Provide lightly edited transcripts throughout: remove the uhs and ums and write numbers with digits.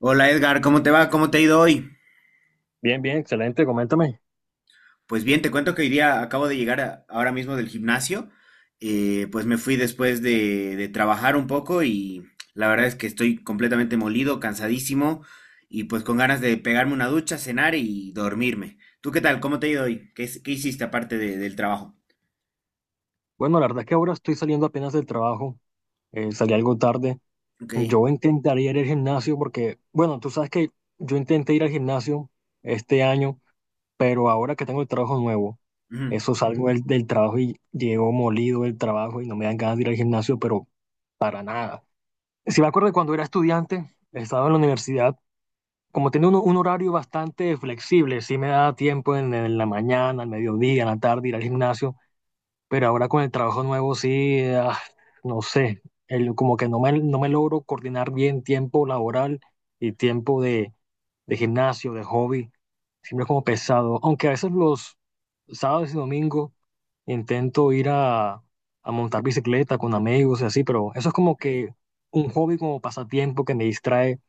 Hola Edgar, ¿cómo te va? ¿Cómo te ha ido hoy? Bien, bien, excelente, coméntame. Pues bien, te cuento que hoy día acabo de llegar ahora mismo del gimnasio. Pues me fui después de trabajar un poco y la verdad es que estoy completamente molido, cansadísimo y pues con ganas de pegarme una ducha, cenar y dormirme. ¿Tú qué tal? ¿Cómo te ha ido hoy? ¿Qué, qué hiciste aparte del trabajo? Bueno, la verdad es que ahora estoy saliendo apenas del trabajo, salí algo tarde. Ok. Yo intentaría ir al gimnasio porque, bueno, tú sabes que yo intenté ir al gimnasio este año, pero ahora que tengo el trabajo nuevo, Ujú. eso salgo del trabajo y llego molido del trabajo y no me dan ganas de ir al gimnasio, pero para nada. Si me acuerdo de cuando era estudiante, estaba en la universidad, como tenía un horario bastante flexible, sí me daba tiempo en la mañana, al mediodía, en la tarde ir al gimnasio. Pero ahora con el trabajo nuevo sí, no sé, como que no me logro coordinar bien tiempo laboral y tiempo de gimnasio, de hobby, siempre como pesado. Aunque a veces los sábados y domingos intento ir a montar bicicleta con amigos y así, pero eso es como Ok. que un hobby como pasatiempo que me distrae,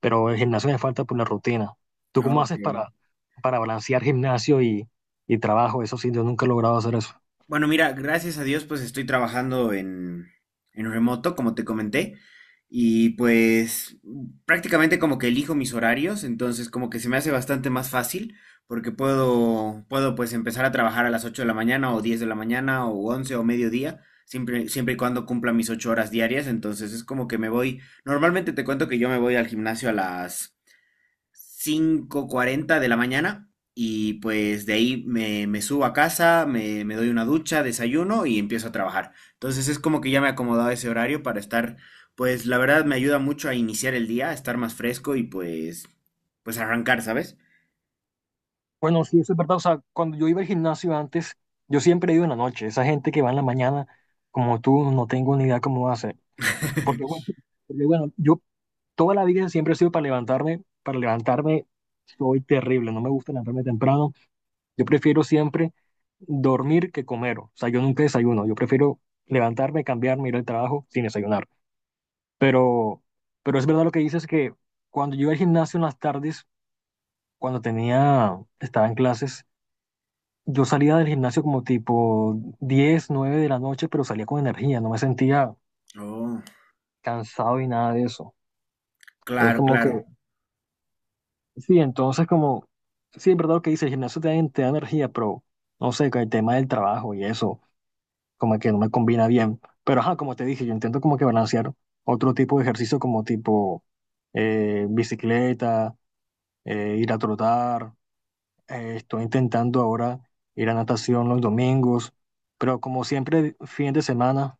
pero el gimnasio me falta por la rutina. ¿Tú cómo Ok. haces para balancear gimnasio y trabajo? Eso sí, yo nunca he logrado hacer eso. Bueno, mira, gracias a Dios, pues estoy trabajando en remoto, como te comenté, y pues prácticamente como que elijo mis horarios, entonces como que se me hace bastante más fácil, porque puedo pues empezar a trabajar a las 8 de la mañana o 10 de la mañana o 11 o mediodía, siempre, siempre y cuando cumpla mis 8 horas diarias, entonces es como que me voy, normalmente te cuento que yo me voy al gimnasio a las 5:40 de la mañana y pues de ahí me subo a casa, me doy una ducha, desayuno y empiezo a trabajar. Entonces es como que ya me he acomodado a ese horario para estar, pues la verdad me ayuda mucho a iniciar el día, a estar más fresco y pues arrancar, ¿sabes? Bueno, sí, eso es verdad. O sea, cuando yo iba al gimnasio antes, yo siempre he ido en la noche. Esa gente que va en la mañana, como tú, no tengo ni idea cómo hace. Porque bueno, porque, bueno, yo toda la vida siempre he sido para levantarme. Para levantarme soy terrible. No me gusta levantarme temprano. Yo prefiero siempre dormir que comer. O sea, yo nunca desayuno. Yo prefiero levantarme, cambiarme, ir al trabajo sin desayunar. Pero, pero es verdad lo que dices que cuando yo iba al gimnasio en las tardes, estaba en clases. Yo salía del gimnasio como tipo 10 9 de la noche, pero salía con energía, no me sentía Oh, cansado y nada de eso. Es claro, como claro, que, sí, sí, es verdad lo que dice, el gimnasio te da energía, pero no sé, con el tema del trabajo y eso, como que no me combina bien. Pero ajá, como te dije, yo intento como que balancear otro tipo de ejercicio como tipo bicicleta, ir a trotar, estoy intentando ahora ir a natación los domingos, pero como siempre, fin de semana.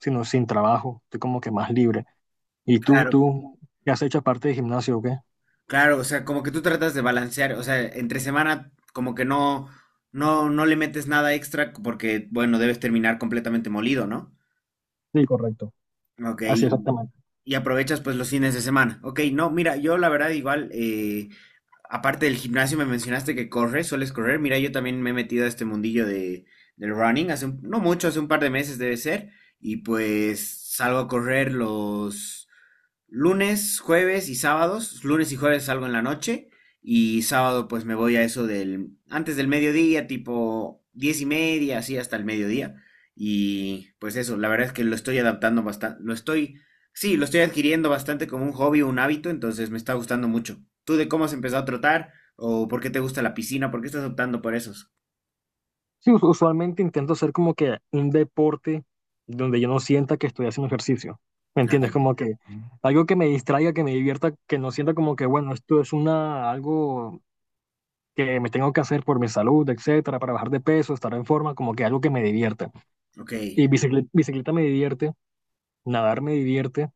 Sino sin trabajo, estoy como que más libre. ¿Y tú, claro, tú, qué has hecho aparte de gimnasio o qué? claro, o sea, como que tú tratas de balancear, o sea, entre semana como que no le metes nada extra porque, bueno, debes terminar completamente molido, ¿no? Sí, correcto. Ok. Así exactamente. Y aprovechas pues los fines de semana. Ok, no, mira, yo la verdad igual, aparte del gimnasio me mencionaste que corres, sueles correr. Mira, yo también me he metido a este mundillo del running, hace no mucho, hace un par de meses debe ser. Y pues salgo a correr lunes, jueves y sábados. Lunes y jueves salgo en la noche y sábado pues me voy a eso del antes del mediodía, tipo 10 y media, así hasta el mediodía. Y pues eso, la verdad es que lo estoy adaptando bastante, sí, lo estoy adquiriendo bastante como un hobby, un hábito, entonces me está gustando mucho. ¿Tú de cómo has empezado a trotar o por qué te gusta la piscina? ¿Por qué estás optando por esos? Sí, usualmente intento hacer como que un deporte donde yo no sienta que estoy haciendo ejercicio. ¿Me entiendes? Nada. Como que algo que me distraiga, que me divierta, que no sienta como que, bueno, esto es una, algo que me tengo que hacer por mi salud, etcétera, para bajar de peso, estar en forma, como que algo que me divierta. Ok. Y bicicleta, bicicleta me divierte, nadar me divierte,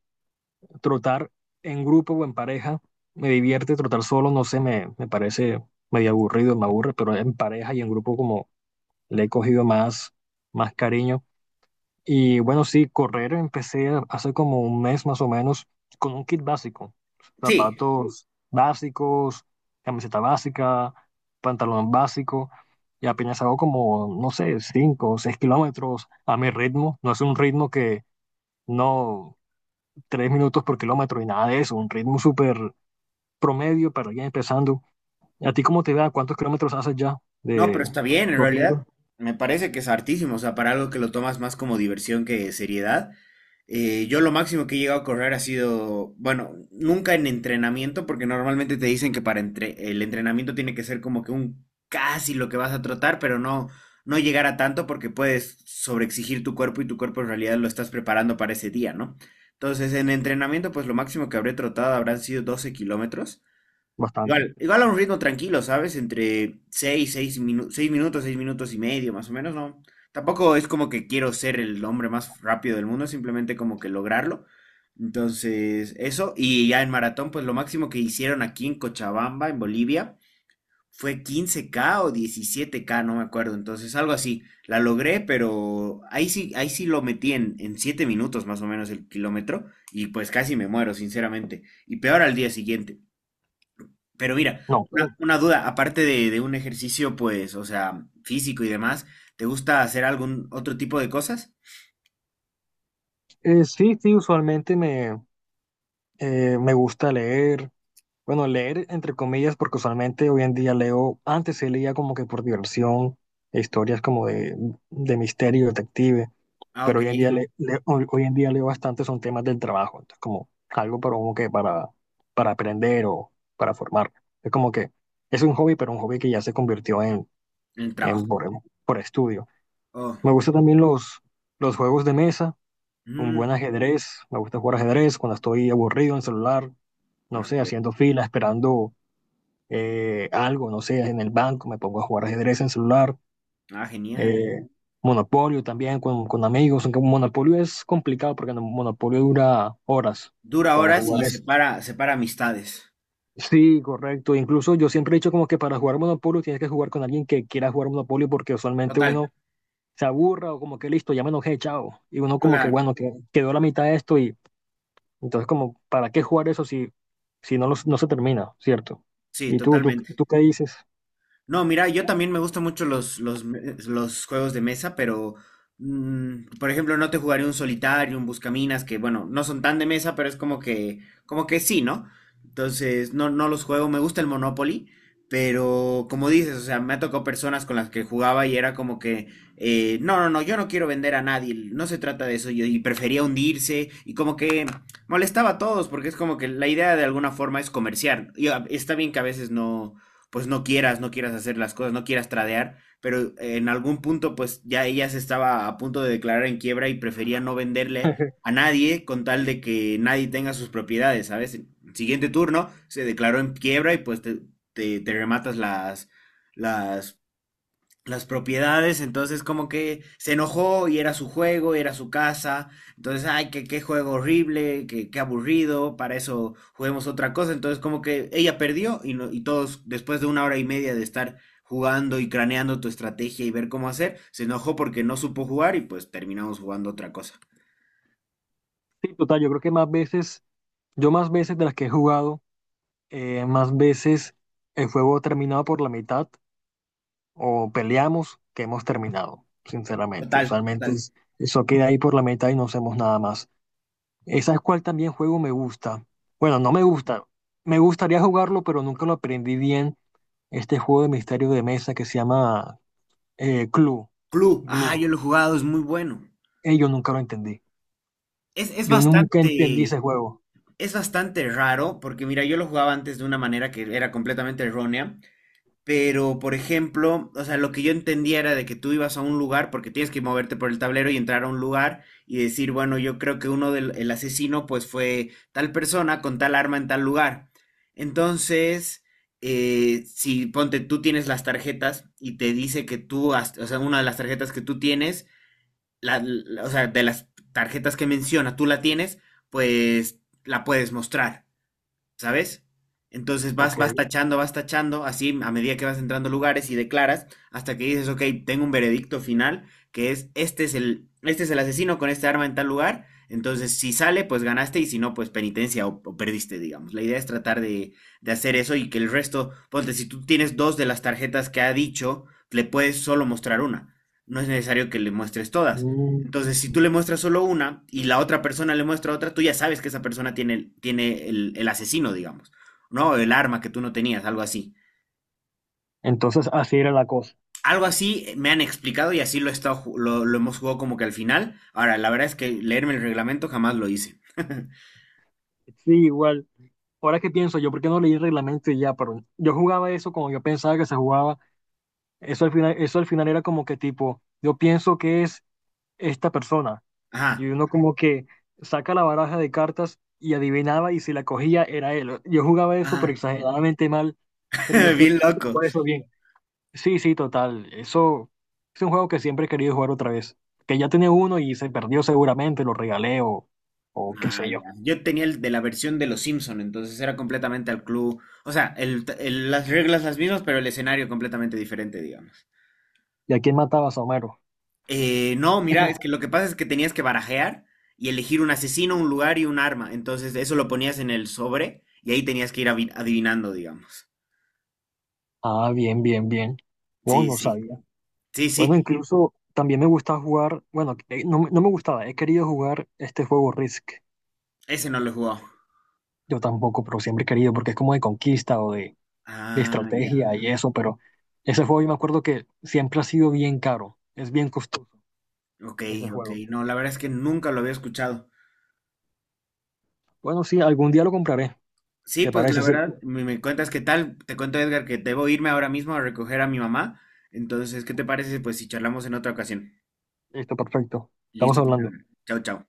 trotar en grupo o en pareja me divierte, trotar solo, no sé, me parece medio aburrido, me aburre, pero en pareja y en grupo como le he cogido más cariño. Y bueno, sí, correr empecé hace como un mes más o menos con un kit básico, Sí. zapatos básicos, camiseta básica, pantalón básico, y apenas hago como, no sé, 5 o 6 kilómetros a mi ritmo, no es un ritmo que no 3 minutos por kilómetro y nada de eso, un ritmo súper promedio para alguien empezando. ¿A ti cómo te va? ¿Cuántos kilómetros haces ya No, pero de está bien, en realidad corriendo? me parece que es hartísimo, o sea, para algo que lo tomas más como diversión que seriedad. Yo lo máximo que he llegado a correr ha sido, bueno, nunca en entrenamiento, porque normalmente te dicen que para el entrenamiento tiene que ser como que un casi lo que vas a trotar, pero no, no llegar a tanto porque puedes sobreexigir tu cuerpo y tu cuerpo en realidad lo estás preparando para ese día, ¿no? Entonces, en entrenamiento, pues lo máximo que habré trotado habrán sido 12 kilómetros. Bastante. Igual, igual a un ritmo tranquilo, ¿sabes? Entre 6 minutos, 6 minutos, 6 minutos y medio, más o menos, ¿no? Tampoco es como que quiero ser el hombre más rápido del mundo, simplemente como que lograrlo. Entonces, eso. Y ya en maratón, pues lo máximo que hicieron aquí en Cochabamba, en Bolivia, fue 15K o 17K, no me acuerdo. Entonces, algo así. La logré, pero ahí sí lo metí en 7 minutos más o menos el kilómetro. Y pues casi me muero, sinceramente. Y peor al día siguiente. Pero mira, No. Una duda, aparte de un ejercicio, pues, o sea, físico y demás, ¿te gusta hacer algún otro tipo de cosas? Sí, sí, usualmente me gusta leer. Bueno, leer entre comillas, porque usualmente hoy en día leo, antes se leía como que por diversión, historias como de misterio, detective, Ah, ok, pero hoy en día, en hoy en día leo bastante son temas del trabajo, entonces como algo para como que para aprender o para formarme. Es como que es un hobby, pero un hobby que ya se convirtió en, el en trabajo. por, por estudio. Oh, Me gustan ok. también los juegos de mesa, un buen Mm, ajedrez, me gusta jugar ajedrez cuando estoy aburrido en el celular, no sé, haciendo ok. fila, esperando algo, no sé, en el banco, me pongo a jugar ajedrez en celular. Ah, genial. eh, Monopolio también con amigos, aunque Monopolio es complicado porque Monopolio dura horas Dura para horas jugar y eso. separa, separa amistades. Sí, correcto. Incluso yo siempre he dicho como que para jugar Monopolio tienes que jugar con alguien que quiera jugar Monopolio porque usualmente Total, uno se aburra o como que listo, ya me enojé, chao. Y uno como que claro, bueno, que quedó la mitad de esto y entonces como, ¿para qué jugar eso si, si no, no se termina, ¿cierto? sí, ¿Y tú, tú, totalmente. tú qué dices? No, mira, yo también me gustan mucho los juegos de mesa, pero, mm, por ejemplo, no te jugaré un solitario, un buscaminas, que bueno, no son tan de mesa, pero es como que sí, ¿no? Entonces, no, no los juego, me gusta el Monopoly, pero como dices, o sea, me ha tocado personas con las que jugaba y era como que, no, no, no, yo no quiero vender a nadie, no se trata de eso, yo, y prefería hundirse, y como que molestaba a todos, porque es como que la idea de alguna forma es comerciar, está bien que a veces no pues no quieras, no quieras hacer las cosas, no quieras tradear, pero en algún punto pues ya ella se estaba a punto de declarar en quiebra y prefería no venderle a nadie con tal de que nadie tenga sus propiedades, ¿sabes? El siguiente turno se declaró en quiebra y pues te rematas las las propiedades, entonces como que se enojó y era su juego, era su casa, entonces, ay, qué, qué juego horrible, qué, qué aburrido, para eso juguemos otra cosa, entonces como que ella perdió y, no- y todos, después de 1 hora y media de estar jugando y craneando tu estrategia y ver cómo hacer, se enojó porque no supo jugar y pues terminamos jugando otra cosa. Sí, total, yo creo que más veces, yo más veces de las que he jugado más veces el juego ha terminado por la mitad o peleamos que hemos terminado, sinceramente. Total, total. Eso queda ahí por la mitad y no hacemos nada más. ¿Esa es cuál también juego me gusta? Bueno, no me gusta. Me gustaría jugarlo, pero nunca lo aprendí bien. Este juego de misterio de mesa que se llama Clue. Clue, ah, Glue. yo lo he jugado, es muy bueno. Yo nunca lo entendí. Es, es Yo nunca entendí ese bastante, juego. es bastante raro, porque mira, yo lo jugaba antes de una manera que era completamente errónea. Pero, por ejemplo, o sea, lo que yo entendía era de que tú ibas a un lugar, porque tienes que moverte por el tablero y entrar a un lugar y decir, bueno, yo creo que uno del el asesino, pues fue tal persona con tal arma en tal lugar. Entonces, si ponte, tú tienes las tarjetas y te dice que tú, o sea, una de las tarjetas que tú tienes, o sea, de las tarjetas que menciona, tú la tienes, pues la puedes mostrar. ¿Sabes? Entonces Ok. Vas tachando, así a medida que vas entrando a lugares y declaras, hasta que dices, ok, tengo un veredicto final, que es, este es el asesino con este arma en tal lugar, entonces si sale, pues ganaste, y si no, pues penitencia o perdiste, digamos. La idea es tratar de hacer eso y que el resto, ponte, si tú tienes dos de las tarjetas que ha dicho, le puedes solo mostrar una. No es necesario que le muestres todas. Mm. Entonces, si tú le muestras solo una y la otra persona le muestra otra, tú ya sabes que esa persona tiene, tiene el asesino, digamos, ¿no? El arma que tú no tenías, algo así. Entonces así era la cosa. Algo así me han explicado y así he estado lo hemos jugado como que al final. Ahora, la verdad es que leerme el reglamento jamás lo hice. Sí, igual. Ahora que pienso, yo por qué no leí el reglamento y ya, pero yo jugaba eso como yo pensaba que se jugaba. Eso al final era como que tipo, yo pienso que es esta persona. Y Ajá, uno como que saca la baraja de cartas y adivinaba y si la cogía era él. Yo jugaba eso pero ajá. exageradamente mal, pero yo siempre Bien loco. jugaba eso bien. Sí, sí, total. Eso es un juego que siempre he querido jugar otra vez. Que ya tenía uno y se perdió seguramente, lo regalé o qué Ah, sé yo. ya. Yo tenía el de la versión de los Simpson, entonces era completamente al club. O sea, las reglas las mismas, pero el escenario completamente diferente, digamos. ¿Y a quién matabas, Homero? No, mira, es que lo que pasa es que tenías que barajear y elegir un asesino, un lugar y un arma. Entonces, eso lo ponías en el sobre y ahí tenías que ir adivinando, digamos. Ah, bien, bien, bien. No, Sí, no sí, sabía. sí, sí, Bueno, incluso también me gusta jugar, bueno, no me gustaba, he querido jugar este juego Risk. ese no lo he jugado. Yo tampoco, pero siempre he querido, porque es como de conquista o de Ah, ya. estrategia y eso, pero ese juego yo me acuerdo que siempre ha sido bien caro, es bien costoso Ok, ese ok. juego. No, la verdad es que nunca lo había escuchado. Bueno, sí, algún día lo compraré, Sí, ¿te pues parece? la Sí, verdad, me cuentas qué tal. Te cuento, Edgar, que debo irme ahora mismo a recoger a mi mamá. Entonces, ¿qué te parece? Si, Pues si charlamos en otra ocasión. listo, perfecto. Estamos Listo, pues, hablando. Edgar. Chao, chao.